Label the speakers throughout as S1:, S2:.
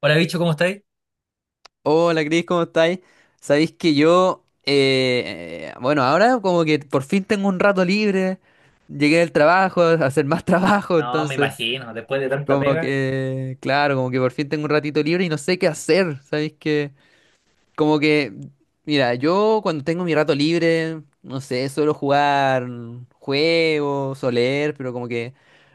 S1: Hola, bicho, ¿cómo estáis?
S2: Hola Cris, ¿cómo estáis? Sabéis que yo, bueno, ahora como que por fin tengo un rato libre, llegué del trabajo, a hacer más trabajo,
S1: No, me
S2: entonces
S1: imagino, después de tanta
S2: como
S1: pega.
S2: que, claro, como que por fin tengo un ratito libre y no sé qué hacer, ¿sabéis que como que, mira, yo cuando tengo mi rato libre, no sé, suelo jugar juegos o leer, pero como que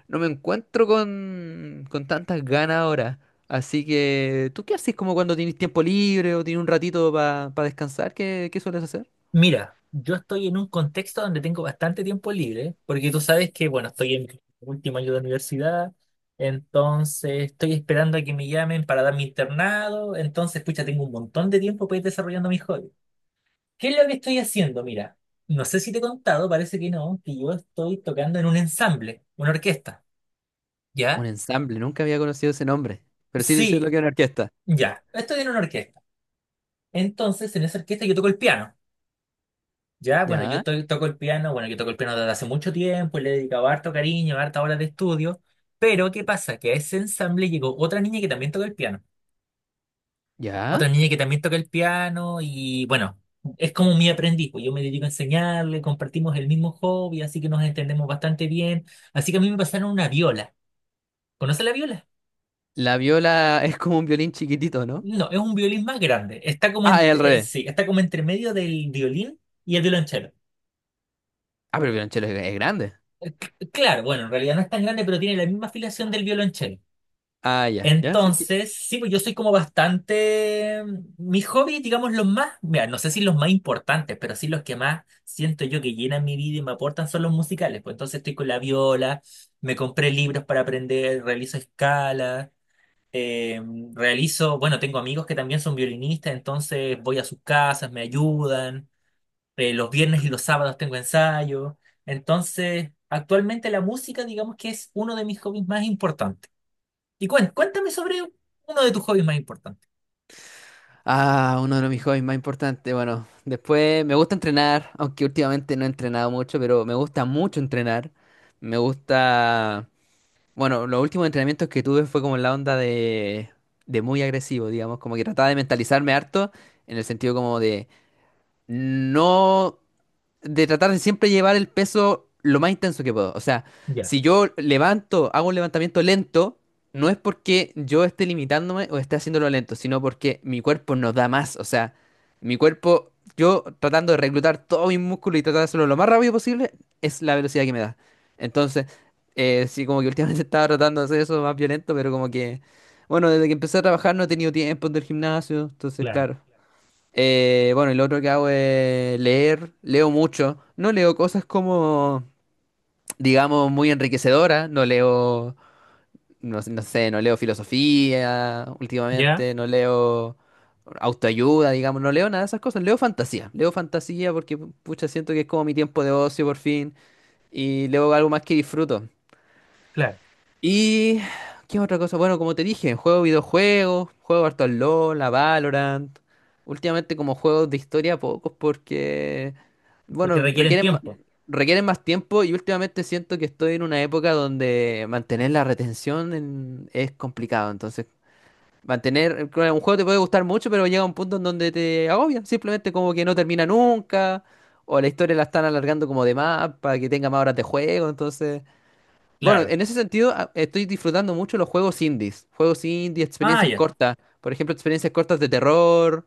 S2: no me encuentro con tantas ganas ahora. Así que, ¿tú qué haces como cuando tienes tiempo libre o tienes un ratito para descansar? ¿Qué sueles hacer?
S1: Mira, yo estoy en un contexto donde tengo bastante tiempo libre, porque tú sabes que, bueno, estoy en mi último año de universidad, entonces estoy esperando a que me llamen para dar mi internado, entonces, pucha, tengo un montón de tiempo para ir desarrollando mis hobbies. ¿Qué es lo que estoy haciendo? Mira, no sé si te he contado, parece que no, que yo estoy tocando en un ensamble, una orquesta,
S2: Un
S1: ¿ya?
S2: ensamble, nunca había conocido ese nombre, pero sí sé lo
S1: Sí,
S2: que es una orquesta.
S1: ya, estoy en una orquesta. Entonces, en esa orquesta yo toco el piano. Ya, bueno,
S2: ¿Ya?
S1: toco el piano, bueno, yo toco el piano desde hace mucho tiempo, y le he dedicado harto cariño, harta horas de estudio, pero ¿qué pasa? Que a ese ensamble llegó otra niña que también toca el piano,
S2: ¿Ya?
S1: otra niña que también toca el piano y bueno, es como mi aprendiz, pues yo me dedico a enseñarle, compartimos el mismo hobby, así que nos entendemos bastante bien, así que a mí me pasaron una viola. ¿Conoce la viola?
S2: La viola es como un violín chiquitito, ¿no?
S1: No, es un violín más grande, está como,
S2: Ah, es al revés.
S1: sí, está como entre medio del violín y el violonchelo.
S2: Ah, pero el violonchelo es grande.
S1: Claro, bueno, en realidad no es tan grande, pero tiene la misma afiliación del violonchelo.
S2: Ah, ya, ya, sí.
S1: Entonces, sí, pues yo soy como bastante. Mis hobbies, digamos, los más. Mira, no sé si los más importantes, pero sí los que más siento yo que llenan mi vida y me aportan son los musicales. Pues entonces estoy con la viola, me compré libros para aprender, realizo escalas, eh, realizo. Bueno, tengo amigos que también son violinistas, entonces voy a sus casas, me ayudan. Los viernes y los sábados tengo ensayo. Entonces, actualmente la música, digamos que es uno de mis hobbies más importantes. Y cuéntame sobre uno de tus hobbies más importantes.
S2: Ah, uno de mis hobbies más importantes. Bueno, después me gusta entrenar, aunque últimamente no he entrenado mucho, pero me gusta mucho entrenar. Me gusta. Bueno, los últimos entrenamientos que tuve fue como en la onda de muy agresivo, digamos, como que trataba de mentalizarme harto en el sentido como de no de tratar de siempre llevar el peso lo más intenso que puedo. O sea,
S1: Ya,
S2: si yo levanto, hago un levantamiento lento, no es porque yo esté limitándome o esté haciéndolo lento, sino porque mi cuerpo no da más. O sea, mi cuerpo, yo tratando de reclutar todo mi músculo y tratar de hacerlo lo más rápido posible, es la velocidad que me da. Entonces, sí, como que últimamente estaba tratando de hacer eso más violento, pero como que, bueno, desde que empecé a trabajar no he tenido tiempo del gimnasio, entonces,
S1: claro.
S2: claro. Bueno, y lo otro que hago es leer, leo mucho. No leo cosas como, digamos, muy enriquecedoras. No leo, no leo filosofía
S1: Ya,
S2: últimamente, no leo autoayuda, digamos, no leo nada de esas cosas. Leo fantasía porque, pucha, siento que es como mi tiempo de ocio por fin. Y leo algo más que disfruto.
S1: claro.
S2: Y. ¿Qué otra cosa? Bueno, como te dije, juego videojuegos, juego harto al LoL, a Valorant. Últimamente como juegos de historia pocos porque,
S1: Porque
S2: bueno,
S1: requieren tiempo.
S2: requieren más tiempo y últimamente siento que estoy en una época donde mantener la es complicado. Entonces, mantener, claro, un juego te puede gustar mucho, pero llega un punto en donde te agobia. Simplemente como que no termina nunca o la historia la están alargando como de más para que tenga más horas de juego. Entonces. Bueno,
S1: Claro.
S2: en ese sentido estoy disfrutando mucho los juegos indies, juegos indie,
S1: Ah,
S2: experiencias
S1: ya,
S2: cortas, por ejemplo, experiencias cortas de terror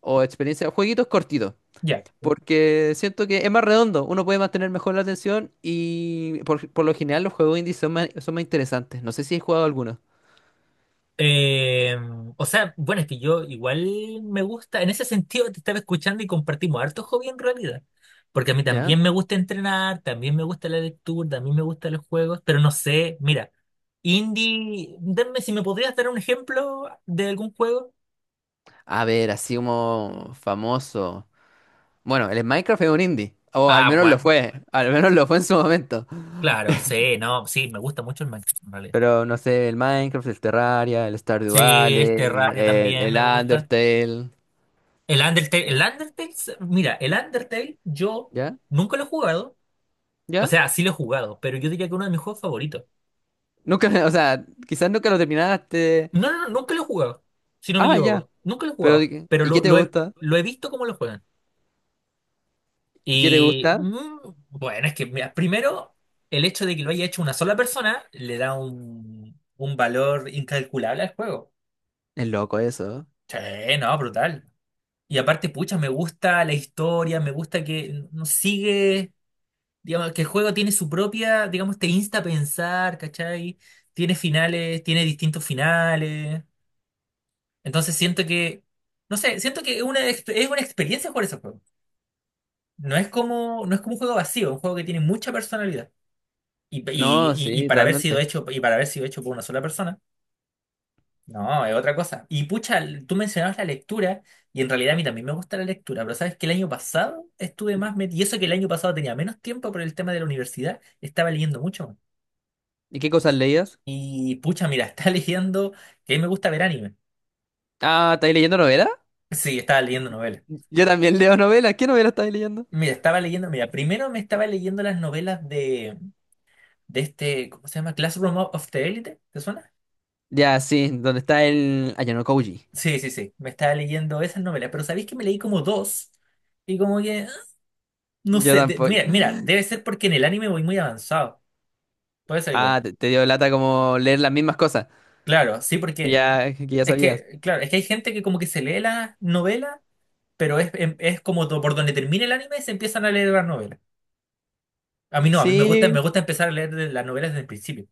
S2: o experiencias, jueguitos cortitos,
S1: ya.
S2: porque siento que es más redondo, uno puede mantener mejor la atención y por lo general los juegos indies son más interesantes. No sé si he jugado algunos,
S1: Eh, o sea, bueno, es que yo igual me gusta, en ese sentido te estaba escuchando y compartimos harto hobby en realidad. Porque a mí
S2: ¿ya?
S1: también me gusta entrenar, también me gusta la lectura, también me gustan los juegos, pero no sé, mira, indie, denme si me podrías dar un ejemplo de algún juego.
S2: A ver, así como famoso. Bueno, el Minecraft es un indie, o al
S1: Ah,
S2: menos lo
S1: bueno,
S2: fue, al menos lo fue en su momento.
S1: claro, sí, no, sí, me gusta mucho el Minecraft. En
S2: Pero no sé, el Minecraft, el Terraria, el Stardew
S1: Sí, el
S2: Valley,
S1: Terraria también
S2: el
S1: me gusta.
S2: Undertale.
S1: El
S2: eh,
S1: Undertale, mira, el Undertale yo
S2: ¿Ya?
S1: nunca lo he jugado. O
S2: ¿Ya?
S1: sea, sí lo he jugado, pero yo diría que uno de mis juegos favoritos.
S2: Nunca, o sea, quizás nunca lo terminaste.
S1: No, no, no, nunca lo he jugado, si no me
S2: Ah, ya.
S1: equivoco. Nunca lo he
S2: Pero,
S1: jugado,
S2: ¿y
S1: pero
S2: y qué te gusta?
S1: lo he visto cómo lo juegan.
S2: ¿Y qué te
S1: Y
S2: gusta?
S1: bueno, es que, mira, primero, el hecho de que lo haya hecho una sola persona le da un valor incalculable al juego.
S2: Es loco eso.
S1: Sí, no, brutal. Y aparte, pucha, me gusta la historia, me gusta que sigue. Digamos que el juego tiene su propia, digamos, te insta a pensar, ¿cachai? Tiene finales, tiene distintos finales. Entonces siento que, no sé, siento que es una, es una experiencia jugar ese juego. No es como, no es como un juego vacío, un juego que tiene mucha personalidad. Y, y,
S2: No,
S1: y
S2: sí,
S1: para haber sido
S2: totalmente.
S1: hecho, y para haber sido hecho por una sola persona, no, es otra cosa. Y pucha, tú mencionabas la lectura, y en realidad a mí también me gusta la lectura, pero sabes que el año pasado estuve más metido, y eso que el año pasado tenía menos tiempo por el tema de la universidad, estaba leyendo mucho más.
S2: ¿Y qué cosas leías?
S1: Y pucha, mira, estaba leyendo, que a mí me gusta ver anime.
S2: Ah, ¿estáis leyendo novelas?
S1: Sí, estaba leyendo novelas.
S2: Yo también leo novelas. ¿Qué novela estáis leyendo?
S1: Mira, estaba leyendo, mira, primero me estaba leyendo las novelas de este, ¿cómo se llama? Classroom of the Elite, ¿te suena?
S2: Ya, sí, donde está el Ayano Koji.
S1: Sí, sí, sí, me estaba leyendo esas novelas, pero ¿sabéis que me leí como dos? Y como que, ah, no
S2: Yo
S1: sé,
S2: tampoco.
S1: mira, mira, debe ser porque en el anime voy muy avanzado, puede ser
S2: Ah,
S1: igual.
S2: te dio lata como leer las mismas cosas.
S1: Claro, sí, porque
S2: Ya, que ya
S1: es
S2: sabías.
S1: que, claro, es que hay gente que como que se lee las novelas, pero es, es como por donde termina el anime se empiezan a leer las novelas. A mí no, a mí me
S2: Sí,
S1: gusta empezar a leer las novelas desde el principio.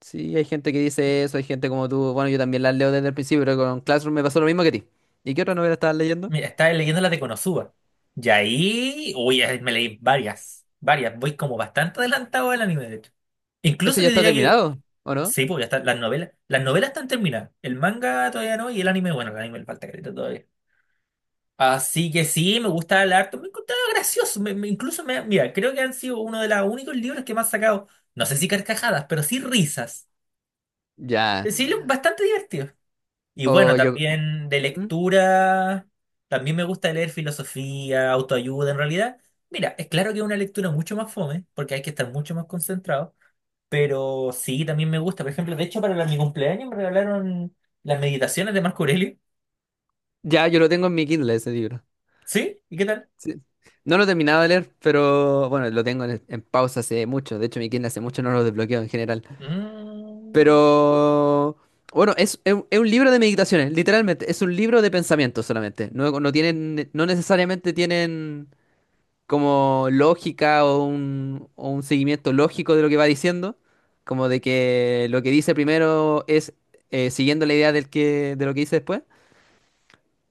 S2: sí, hay gente que dice eso, hay gente como tú. Bueno, yo también las leo desde el principio, pero con Classroom me pasó lo mismo que a ti. ¿Y qué otra novela estabas leyendo?
S1: Mira, estaba leyendo las de Konosuba. Y ahí, uy, ahí me leí varias, varias. Voy como bastante adelantado al anime, de hecho.
S2: ¿Ese
S1: Incluso
S2: ya
S1: yo
S2: está
S1: diría que,
S2: terminado? ¿O no?
S1: sí, porque hasta las novelas están terminadas. El manga todavía no y el anime, bueno, el anime le falta careta todavía. Así que sí, me gusta el arte, me encontraba gracioso. Incluso, me, mira, creo que han sido uno de los únicos libros que me han sacado, no sé si carcajadas, pero sí risas.
S2: Ya.
S1: Sí, bastante divertido. Y bueno,
S2: O yo.
S1: también de
S2: ¿Mm?
S1: lectura, también me gusta leer filosofía, autoayuda en realidad. Mira, es claro que es una lectura mucho más fome, porque hay que estar mucho más concentrado, pero sí, también me gusta. Por ejemplo, de hecho, para mi cumpleaños me regalaron las meditaciones de Marco Aurelio.
S2: Ya, yo lo tengo en mi Kindle ese libro.
S1: ¿Sí? ¿Y qué tal?
S2: Sí. No lo he terminado de leer, pero bueno, lo tengo en pausa hace mucho. De hecho, mi Kindle hace mucho no lo desbloqueo en general.
S1: Mm,
S2: Pero. Bueno, es un es un libro de meditaciones, literalmente. Es un libro de pensamientos solamente. No, no tienen, no necesariamente tienen. Como lógica o o un seguimiento lógico de lo que va diciendo, como de que lo que dice primero es siguiendo la idea del que, de lo que dice después,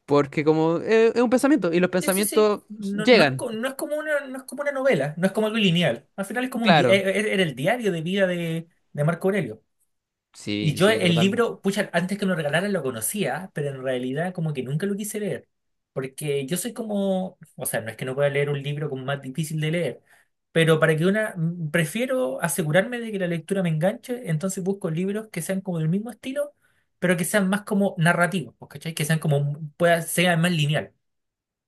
S2: porque como es un pensamiento y los
S1: sí, sí, sí.
S2: pensamientos
S1: No, no es,
S2: llegan,
S1: no es como una, no es como una novela, no es como algo lineal. Al final es como un
S2: claro.
S1: era el diario de vida de Marco Aurelio. Y
S2: Sí,
S1: yo
S2: sí,
S1: el
S2: totalmente.
S1: libro, pucha, antes que me lo regalaran lo conocía, pero en realidad como que nunca lo quise leer, porque yo soy como, o sea, no es que no pueda leer un libro como más difícil de leer, pero para que una, prefiero asegurarme de que la lectura me enganche, entonces busco libros que sean como del mismo estilo, pero que sean más como narrativos, pues, ¿cachai? Que sean como, pueda, sea más lineal.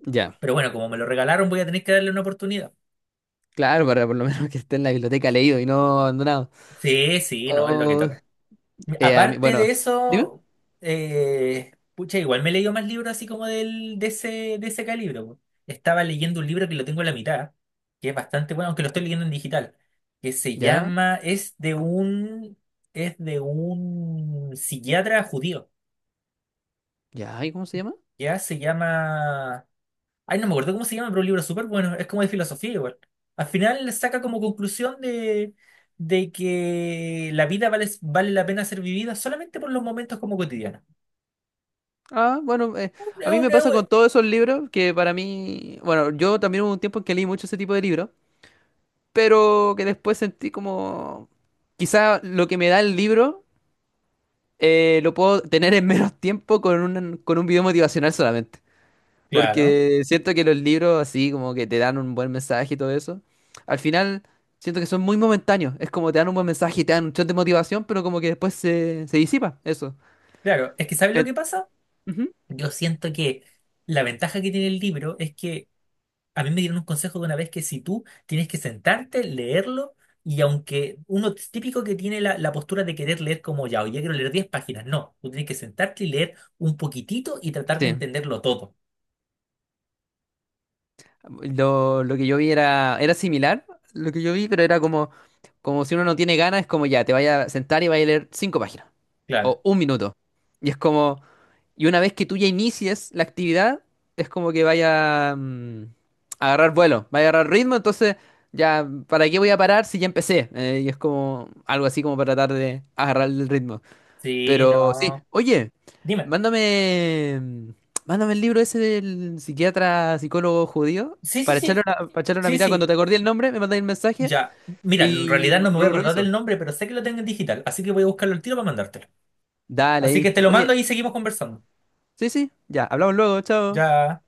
S2: Ya,
S1: Pero bueno, como me lo regalaron, voy a tener que darle una oportunidad.
S2: claro, para por lo menos que esté en la biblioteca leído y no abandonado.
S1: Sí, sí, no, es lo que
S2: O,
S1: toca. Aparte
S2: bueno,
S1: de
S2: dime,
S1: eso, pucha, igual me he leído más libros así como del, de ese calibre. Po. Estaba leyendo un libro que lo tengo en la mitad, que es bastante bueno, aunque lo estoy leyendo en digital, que se
S2: ya,
S1: llama, es de un psiquiatra judío,
S2: ya, ¿y cómo se llama?
S1: ya se llama, ay, no me acuerdo cómo se llama, pero un libro súper bueno, es como de filosofía igual. Al final saca como conclusión de que la vida vale, vale la pena ser vivida solamente por los momentos como cotidianos.
S2: Ah, bueno,
S1: es un-
S2: a mí me
S1: es
S2: pasa con
S1: un-
S2: todos esos libros que para mí, bueno, yo también hubo un tiempo en que leí mucho ese tipo de libros. Pero que después sentí como quizá lo que me da el libro lo puedo tener en menos tiempo con con un video motivacional solamente.
S1: Claro,
S2: Porque siento que los libros así como que te dan un buen mensaje y todo eso, al final siento que son muy momentáneos. Es como te dan un buen mensaje y te dan un shot de motivación, pero como que después se disipa eso.
S1: claro. Es que ¿sabes lo
S2: Et-
S1: que pasa?
S2: Ujú.
S1: Yo siento que la ventaja que tiene el libro es que a mí me dieron un consejo de una vez que si tú tienes que sentarte, leerlo, y aunque uno es típico que tiene la postura de querer leer como ya, hoy quiero leer 10 páginas, no, tú tienes que sentarte y leer un poquitito y tratar de
S2: Sí.
S1: entenderlo todo.
S2: Lo que yo vi era similar, lo que yo vi, pero era como, como si uno no tiene ganas, es como ya, te vaya a sentar y vaya a leer 5 páginas.
S1: Claro.
S2: O un minuto. Y es como, y una vez que tú ya inicies la actividad, es como que vaya a agarrar vuelo, vaya a agarrar ritmo, entonces ya, ¿para qué voy a parar si ya empecé? Y es como algo así como para tratar de agarrar el ritmo.
S1: Sí,
S2: Pero sí,
S1: no.
S2: oye,
S1: Dime.
S2: mándame, mm, mándame el libro ese del psiquiatra, psicólogo judío.
S1: Sí, sí, sí.
S2: Para echarle una
S1: Sí,
S2: mirada, cuando
S1: sí.
S2: te acordé el nombre, me mandáis el mensaje
S1: Ya. Mira, en
S2: y
S1: realidad no me voy a
S2: lo
S1: acordar del
S2: reviso.
S1: nombre, pero sé que lo tengo en digital, así que voy a buscarlo al tiro para mandártelo.
S2: Dale
S1: Así
S2: ahí.
S1: que te lo
S2: Oye,
S1: mando y seguimos conversando.
S2: sí, sí, ya, hablamos luego, chao.
S1: Ya.